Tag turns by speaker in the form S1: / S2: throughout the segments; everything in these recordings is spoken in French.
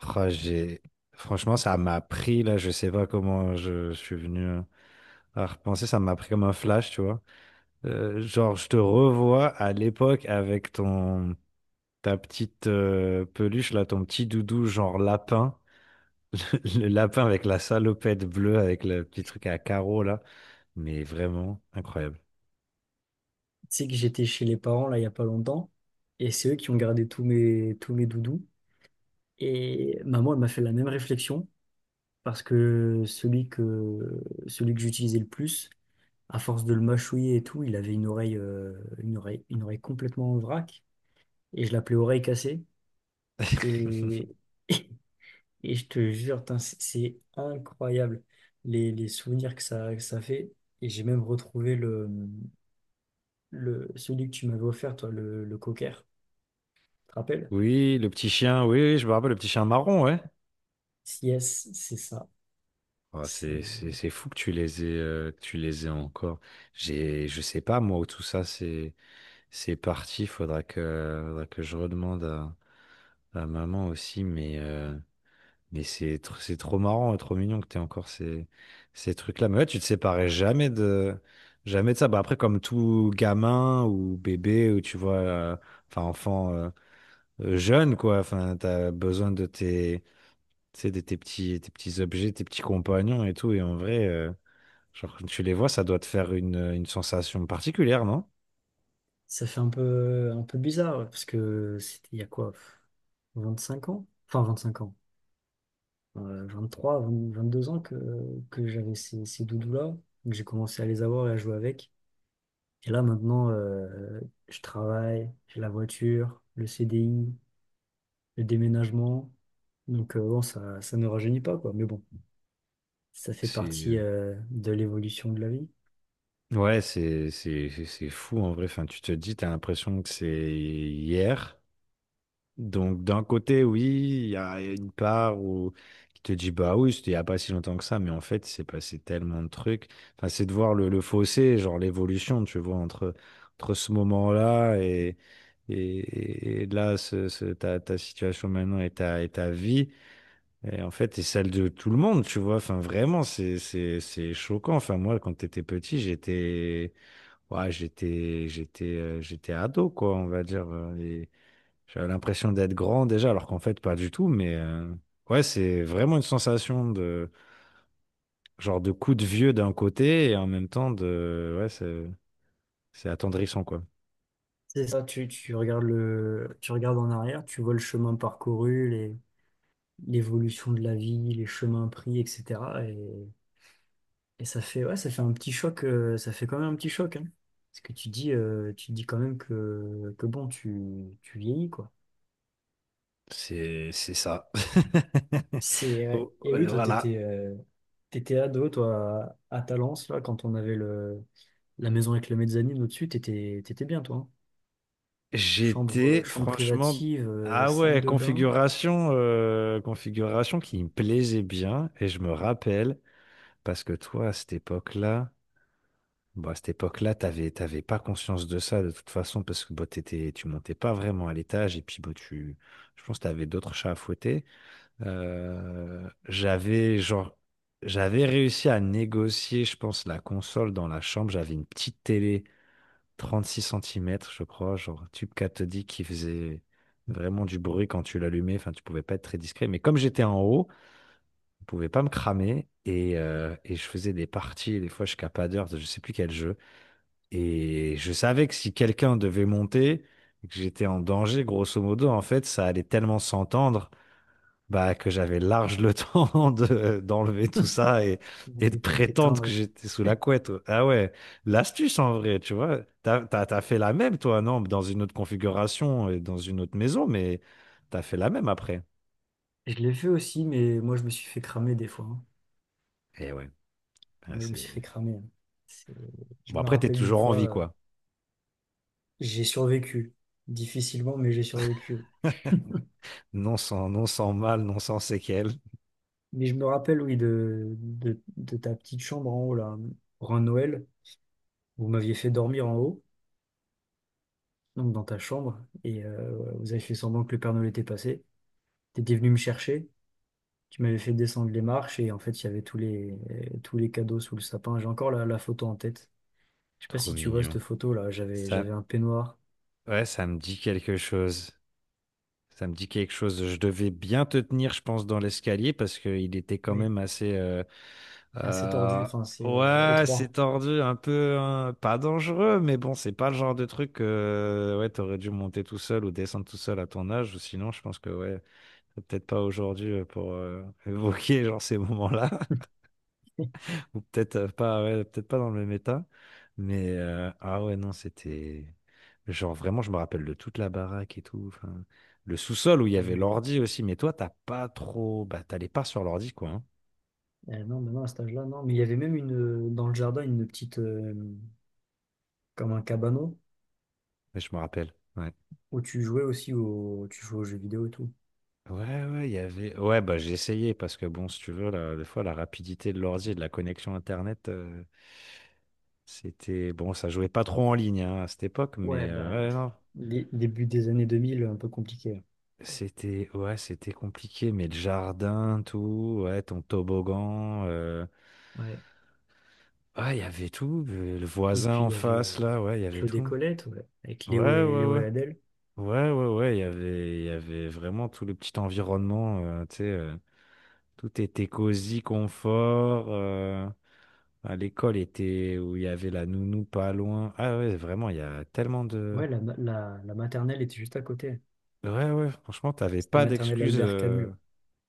S1: Ah, j'ai. Franchement, ça m'a pris, là, je sais pas comment je suis venu à repenser, ça m'a pris comme un flash, tu vois. Genre, je te revois à l'époque avec ta petite peluche, là, ton petit doudou, genre lapin. Le lapin avec la salopette bleue, avec le petit truc à carreaux, là. Mais vraiment incroyable.
S2: Tu sais que j'étais chez les parents là il y a pas longtemps et c'est eux qui ont gardé tous mes doudous et maman elle m'a fait la même réflexion parce que celui que j'utilisais le plus à force de le mâchouiller et tout il avait une oreille complètement en vrac et je l'appelais oreille cassée et et je te jure putain, c'est incroyable les souvenirs que ça fait et j'ai même retrouvé le celui que tu m'avais offert toi le cocker tu te rappelles.
S1: Oui, le petit chien, oui, oui, je me rappelle, le petit chien marron, ouais.
S2: Yes, c'est ça.
S1: Ah,
S2: C'est,
S1: c'est fou que tu les aies, encore. Je sais pas, moi, où tout ça, c'est parti. Faudra que je redemande à maman aussi. Mais c'est trop marrant et trop mignon que tu aies encore ces trucs-là. Mais ouais, tu te séparais jamais jamais de ça. Bah, après, comme tout gamin ou bébé, ou tu vois, enfin, enfant, jeune, quoi. Enfin, t'as besoin de tes, tu sais, de tes petits objets, tes petits compagnons et tout. Et en vrai, genre, quand tu les vois, ça doit te faire une sensation particulière, non?
S2: Ça fait un peu bizarre, ouais, parce que c'était il y a quoi, 25 ans? Enfin, 25 ans. 23, 20 22 ans que j'avais ces doudous-là, que j'ai commencé à les avoir et à jouer avec. Et là, maintenant, je travaille, j'ai la voiture, le CDI, le déménagement. Donc, bon, ça ne rajeunit pas, quoi. Mais bon, ça fait
S1: C'est...
S2: partie,
S1: euh,
S2: de l'évolution de la vie.
S1: Ouais, c'est fou en vrai. Enfin, tu te dis, t'as l'impression que c'est hier. Donc, d'un côté, oui, il y a une part où qui te dit, bah oui, c'était il n'y a pas si longtemps que ça, mais en fait, il s'est passé tellement de trucs. Enfin, c'est de voir le fossé, genre l'évolution, tu vois, entre ce moment-là et là, ta situation maintenant et ta vie. Et en fait, et celle de tout le monde, tu vois. Enfin, vraiment, c'est choquant. Enfin, moi, quand t'étais petit, ouais, j'étais ado, quoi, on va dire. Euh, et j'avais l'impression d'être grand déjà, alors qu'en fait, pas du tout. Mais ouais, c'est vraiment une sensation de, genre, de coup de vieux d'un côté et en même temps de, ouais, c'est attendrissant, quoi.
S2: C'est ça, tu regardes tu regardes en arrière, tu vois le chemin parcouru, l'évolution de la vie, les chemins pris, etc. Et ça fait, ouais, ça fait un petit choc, ça fait quand même un petit choc, hein. Parce que tu dis quand même que bon, tu vieillis, quoi.
S1: C'est ça.
S2: C'est, ouais.
S1: Oh,
S2: Et oui, toi, t'étais,
S1: voilà.
S2: euh, t'étais ado, toi, à Talence, là, quand on avait la maison avec la mezzanine au-dessus, t'étais bien, toi, hein. Chambre, euh,
S1: J'étais
S2: chambre
S1: franchement.
S2: privative,
S1: Ah
S2: salle
S1: ouais,
S2: de bain.
S1: configuration qui me plaisait bien. Et je me rappelle, parce que toi, à cette époque-là. Bon, à cette époque-là, t'avais pas conscience de ça de toute façon parce que bon, tu montais pas vraiment à l'étage et puis bon, je pense que t'avais d'autres chats à fouetter. J'avais genre, j'avais réussi à négocier, je pense, la console dans la chambre. J'avais une petite télé 36 cm je crois, genre tube cathodique qui faisait vraiment du bruit quand tu l'allumais. Enfin, tu pouvais pas être très discret. Mais comme j'étais en haut, je pouvais pas me cramer et je faisais des parties. Des fois jusqu'à pas d'heure, je sais plus quel jeu. Et je savais que si quelqu'un devait monter, que j'étais en danger, grosso modo, en fait, ça allait tellement s'entendre, bah, que j'avais large le temps d'enlever tout ça et, et de
S2: De tout
S1: prétendre
S2: éteindre.
S1: que
S2: Et
S1: j'étais sous la couette. Ah ouais, l'astuce en vrai, tu vois. T'as fait la même, toi, non? Dans une autre configuration et dans une autre maison, mais t'as fait la même après.
S2: je l'ai fait aussi, mais moi, je me suis fait cramer des fois, hein.
S1: Et ouais, ouais,
S2: Moi, je me suis fait
S1: c'est.
S2: cramer, hein. C'est- Je
S1: Bon,
S2: me
S1: après, t'es
S2: rappelle d'une
S1: toujours en
S2: fois,
S1: vie, quoi.
S2: j'ai survécu. Difficilement, mais j'ai survécu.
S1: Non sans mal, non sans séquelles.
S2: Mais je me rappelle, oui, de ta petite chambre en haut, là. Pour un Noël, vous m'aviez fait dormir en haut, donc dans ta chambre, et vous avez fait semblant que le Père Noël était passé. Tu étais venu me chercher, tu m'avais fait descendre les marches, et en fait, il y avait tous les cadeaux sous le sapin. J'ai encore la photo en tête. Je sais pas
S1: Trop
S2: si tu vois cette
S1: mignon.
S2: photo, là. J'avais
S1: Ça,
S2: un peignoir.
S1: Ouais, ça me dit quelque chose. Ça me dit quelque chose. Je devais bien te tenir, je pense, dans l'escalier parce qu'il était quand
S2: Oui.
S1: même assez.
S2: Assez tordu,
S1: Euh,
S2: enfin c'est
S1: ouais,
S2: étroit.
S1: c'est tordu, un peu, hein, pas dangereux, mais bon, c'est pas le genre de truc que ouais, t'aurais dû monter tout seul ou descendre tout seul à ton âge. Ou sinon, je pense que ouais, peut-être pas aujourd'hui pour évoquer genre ces moments-là. Ou peut-être pas, ouais, peut-être pas dans le même état. Mais ah ouais, non, c'était. Genre vraiment, je me rappelle de toute la baraque et tout. Enfin, le sous-sol où il y
S2: Ah
S1: avait
S2: oui,
S1: l'ordi aussi. Mais toi, t'as pas trop. Bah, t'allais pas sur l'ordi, quoi, hein.
S2: non, mais non, à cet âge-là, non. Mais il y avait même dans le jardin une petite, comme un cabanon,
S1: Ouais, je me rappelle. Ouais.
S2: où tu jouais aussi au, tu jouais aux jeux vidéo et tout.
S1: Ouais, ouais, il y avait. Ouais, bah, j'ai essayé parce que bon, si tu veux, là, des fois, la rapidité de l'ordi et de la connexion Internet, c'était. Bon, ça jouait pas trop en ligne hein, à cette époque,
S2: Ouais,
S1: mais
S2: bah,
S1: ouais, non.
S2: début des années 2000, un peu compliqué.
S1: C'était ouais, c'était compliqué, mais le jardin, tout, ouais, ton toboggan,
S2: Ouais.
S1: ah, il y avait tout, le
S2: Et
S1: voisin
S2: puis
S1: en
S2: il y avait
S1: face, là, ouais, il y avait
S2: Claude et
S1: tout.
S2: Colette, ouais, avec Léo
S1: Ouais,
S2: et,
S1: ouais,
S2: Léo
S1: ouais.
S2: et Adèle.
S1: Ouais, ouais, ouais, il y avait vraiment tout le petit environnement, tu sais, tout était cosy, confort. À l'école était où il y avait la nounou pas loin. Ah ouais, vraiment, il y a tellement de.
S2: Ouais, la maternelle était juste à côté.
S1: Ouais, ouais, franchement, t'avais
S2: C'était
S1: pas
S2: maternelle
S1: d'excuses.
S2: Albert Camus.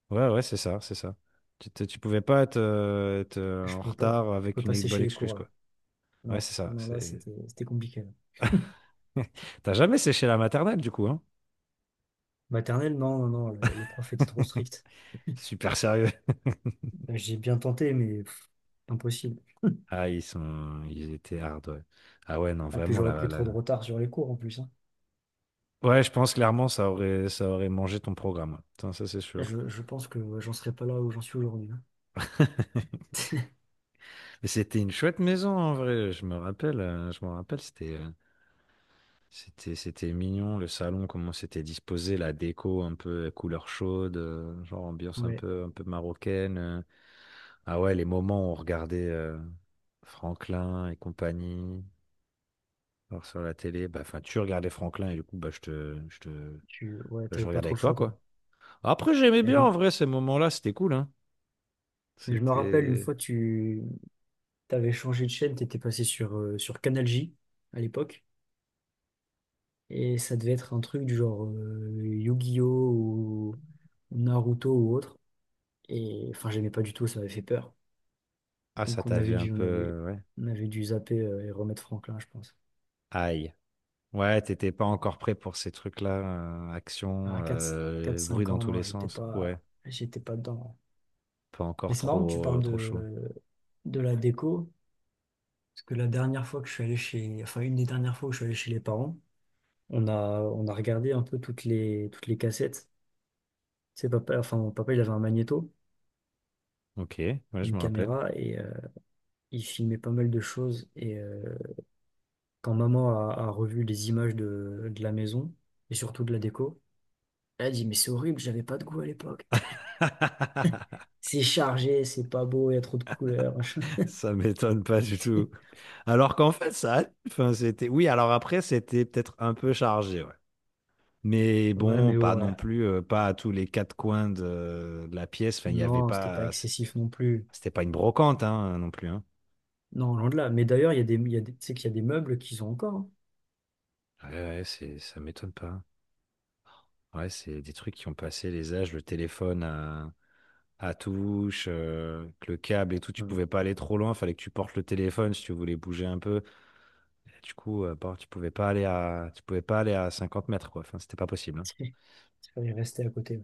S1: Ouais, ouais, c'est ça, c'est ça. Tu pouvais pas être,
S2: Je
S1: en
S2: pouvais pas,
S1: retard
S2: je
S1: avec
S2: pouvais
S1: une
S2: passer
S1: bonne
S2: chez les
S1: excuse,
S2: cours
S1: quoi.
S2: là.
S1: Ouais,
S2: Non,
S1: c'est
S2: ah
S1: ça.
S2: non, là,
S1: C'est.
S2: c'était compliqué.
S1: T'as jamais séché la maternelle, du coup, hein?
S2: Maternelle, non, non, non, les profs étaient trop stricts.
S1: Super sérieux.
S2: J'ai bien tenté, mais pff, impossible.
S1: Ah, ils étaient hard, ouais. Ah ouais, non,
S2: Ah, puis
S1: vraiment,
S2: j'aurais
S1: là,
S2: pris
S1: là.
S2: trop de retard sur les cours en plus, hein.
S1: Ouais, je pense clairement, ça aurait mangé ton programme. Putain, ça, c'est sûr.
S2: Je pense que ouais, j'en serais pas là où j'en suis aujourd'hui, hein.
S1: Mais c'était une chouette maison, en vrai. Je me rappelle, c'était. C'était, c'était mignon, le salon, comment c'était disposé, la déco un peu couleur chaude, genre ambiance
S2: Ouais,
S1: un peu marocaine. Ah ouais, les moments où on regardait Franklin et compagnie alors sur la télé, bah, enfin, tu regardais Franklin et du coup, bah,
S2: tu ouais,
S1: bah, je
S2: t'avais pas
S1: regardais
S2: trop
S1: avec
S2: le
S1: toi,
S2: choix, toi.
S1: quoi. Après, j'aimais
S2: Et
S1: bien, en vrai, ces moments-là, c'était cool, hein.
S2: je me rappelle une
S1: C'était.
S2: fois, tu t'avais changé de chaîne, t'étais passé sur Canal J à l'époque, et ça devait être un truc du genre Yu-Gi-Oh! Ou Naruto ou autre. Et enfin, j'aimais pas du tout, ça m'avait fait peur.
S1: Ah, ça
S2: Donc
S1: t'avait un peu... ouais.
S2: on avait dû zapper et remettre Franklin, je pense.
S1: Aïe. Ouais, t'étais pas encore prêt pour ces trucs-là, action,
S2: À quatre
S1: bruit
S2: cinq
S1: dans
S2: ans,
S1: tous
S2: non,
S1: les
S2: j'étais
S1: sens. Ouais.
S2: pas, j'étais pas dedans.
S1: Pas
S2: Mais
S1: encore
S2: c'est marrant que tu
S1: trop,
S2: parles
S1: trop chaud.
S2: de la déco, parce que la dernière fois que je suis allé enfin une des dernières fois où je suis allé chez les parents, on a regardé un peu toutes les cassettes. Tu sais, papa, enfin mon papa, il avait un magnéto,
S1: Ok, ouais, je
S2: une
S1: me rappelle.
S2: caméra, et il filmait pas mal de choses. Et quand maman a revu les images de la maison, et surtout de la déco, elle a dit, mais c'est horrible, j'avais pas de goût à l'époque. C'est chargé, c'est pas beau, il y a trop de couleurs, machin.
S1: Ça m'étonne pas du tout. Alors qu'en fait, ça, allait, enfin, c'était, oui, alors après, c'était peut-être un peu chargé, ouais. Mais
S2: Ouais,
S1: bon,
S2: mais
S1: pas
S2: bon, ouais.
S1: non plus, pas à tous les quatre coins de la pièce. Enfin, il n'y avait
S2: Non, c'était pas
S1: pas,
S2: excessif non plus.
S1: c'était pas une brocante, hein, non plus, hein.
S2: Non, loin de là. Mais d'ailleurs, il y a des, il y a des, tu sais qu'il y a des meubles qu'ils ont encore, hein.
S1: Ouais, ouais, ça m'étonne pas. Ouais, c'est des trucs qui ont passé les âges, le téléphone à touche, que le câble et tout, tu
S2: Mm.
S1: pouvais pas aller trop loin, fallait que tu portes le téléphone si tu voulais bouger un peu. Du coup, bon, tu pouvais pas aller à, tu pouvais pas aller à 50 mètres, quoi. Enfin, c'était pas possible, hein.
S2: Il fallait rester à côté. Ouais.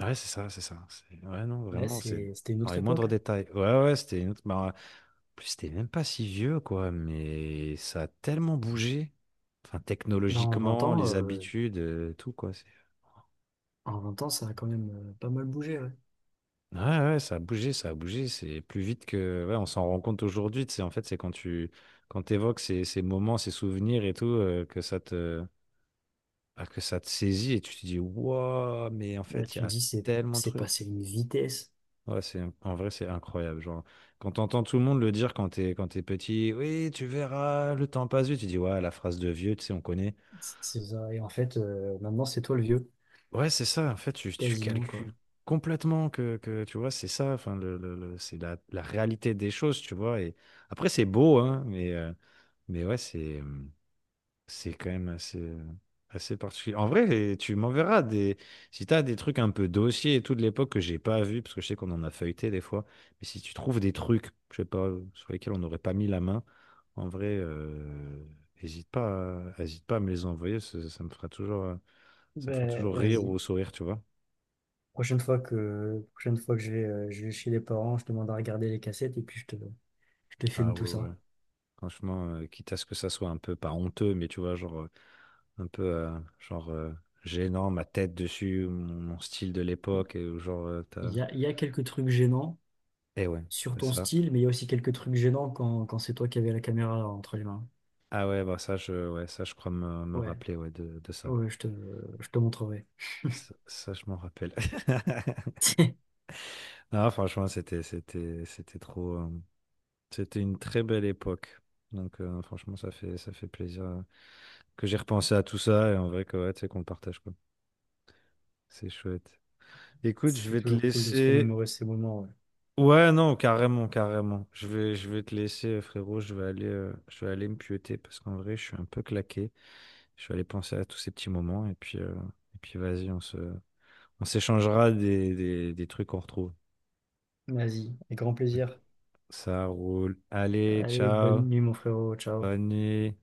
S1: Ouais, c'est ça, c'est ça. Ouais, non,
S2: Ouais,
S1: vraiment, c'est
S2: c'est, c'était une
S1: dans
S2: autre
S1: les
S2: époque,
S1: moindres
S2: hein.
S1: détails. Ouais, ouais, ouais, c'était une autre, bah, en plus, c'était même pas si vieux, quoi. Mais ça a tellement bougé. Enfin,
S2: Ben, en vingt
S1: technologiquement,
S2: ans,
S1: les
S2: euh,
S1: habitudes, tout, quoi.
S2: en vingt ans, ça a quand même pas mal bougé. Ouais.
S1: Ouais, ouais, ça a bougé, ça a bougé. C'est plus vite que. Ouais, on s'en rend compte aujourd'hui. Tu sais, en fait, c'est quand t'évoques ces moments, ces souvenirs et tout, que ça te. Ah, que ça te saisit et tu te dis, waouh, mais en
S2: Là,
S1: fait, il y
S2: tu te
S1: a
S2: dis,
S1: tellement de
S2: c'est passé
S1: trucs.
S2: une vitesse.
S1: Ouais, c'est, en vrai, c'est incroyable. Genre, quand t'entends tout le monde le dire quand t'es petit, oui, tu verras, le temps passe vite, tu dis, ouais, la phrase de vieux, tu sais, on connaît.
S2: C'est ça. Et en fait, maintenant, c'est toi le vieux,
S1: Ouais, c'est ça, en fait, tu
S2: quasiment, quoi.
S1: calcules complètement que, tu vois, c'est ça, enfin, c'est la réalité des choses, tu vois. Et après, c'est beau, hein, mais ouais, c'est. Mmh, C'est quand même assez particulier. En vrai, et tu m'enverras des. Si tu as des trucs un peu dossiers et tout de l'époque que j'ai pas vu, parce que je sais qu'on en a feuilleté des fois, mais si tu trouves des trucs, je sais pas, sur lesquels on n'aurait pas mis la main, en vrai, hésite pas à me les envoyer, ça me fera toujours, ça me fera
S2: Ben,
S1: toujours rire
S2: vas-y.
S1: ou sourire, tu vois.
S2: Prochaine fois que je vais chez les parents, je te demande à regarder les cassettes et puis je te filme
S1: Ah
S2: tout
S1: ouais,
S2: ça.
S1: ouais. Franchement, quitte à ce que ça soit un peu, pas honteux, mais tu vois, genre, un peu, genre, gênant, ma tête dessus, mon style de
S2: Il
S1: l'époque, et genre.
S2: il y a quelques trucs gênants
S1: Et ouais,
S2: sur
S1: c'est
S2: ton
S1: ça.
S2: style, mais il y a aussi quelques trucs gênants quand c'est toi qui avais la caméra entre les mains.
S1: Ah ouais, bah ça, je, ouais, ça, je crois me
S2: Ouais,
S1: rappeler ouais, de ça.
S2: ouais, je te montrerai.
S1: Je m'en rappelle. Non, franchement, c'était trop. C'était une très belle époque. Donc, franchement, ça fait plaisir que j'ai repensé à tout ça et en vrai que, ouais, tu sais, qu'on le partage, quoi. C'est chouette. Écoute, je
S2: C'est
S1: vais te
S2: toujours cool de se
S1: laisser.
S2: remémorer ces moments, ouais.
S1: Ouais, non, carrément, carrément. Je vais te laisser, frérot. Je vais aller me pieuter parce qu'en vrai, je suis un peu claqué. Je vais aller penser à tous ces petits moments et puis, vas-y, on s'échangera des trucs qu'on retrouve.
S2: Vas-y, avec grand plaisir.
S1: Ça roule. Allez,
S2: Allez,
S1: ciao.
S2: bonne nuit, mon frérot. Ciao.
S1: Bonne nuit.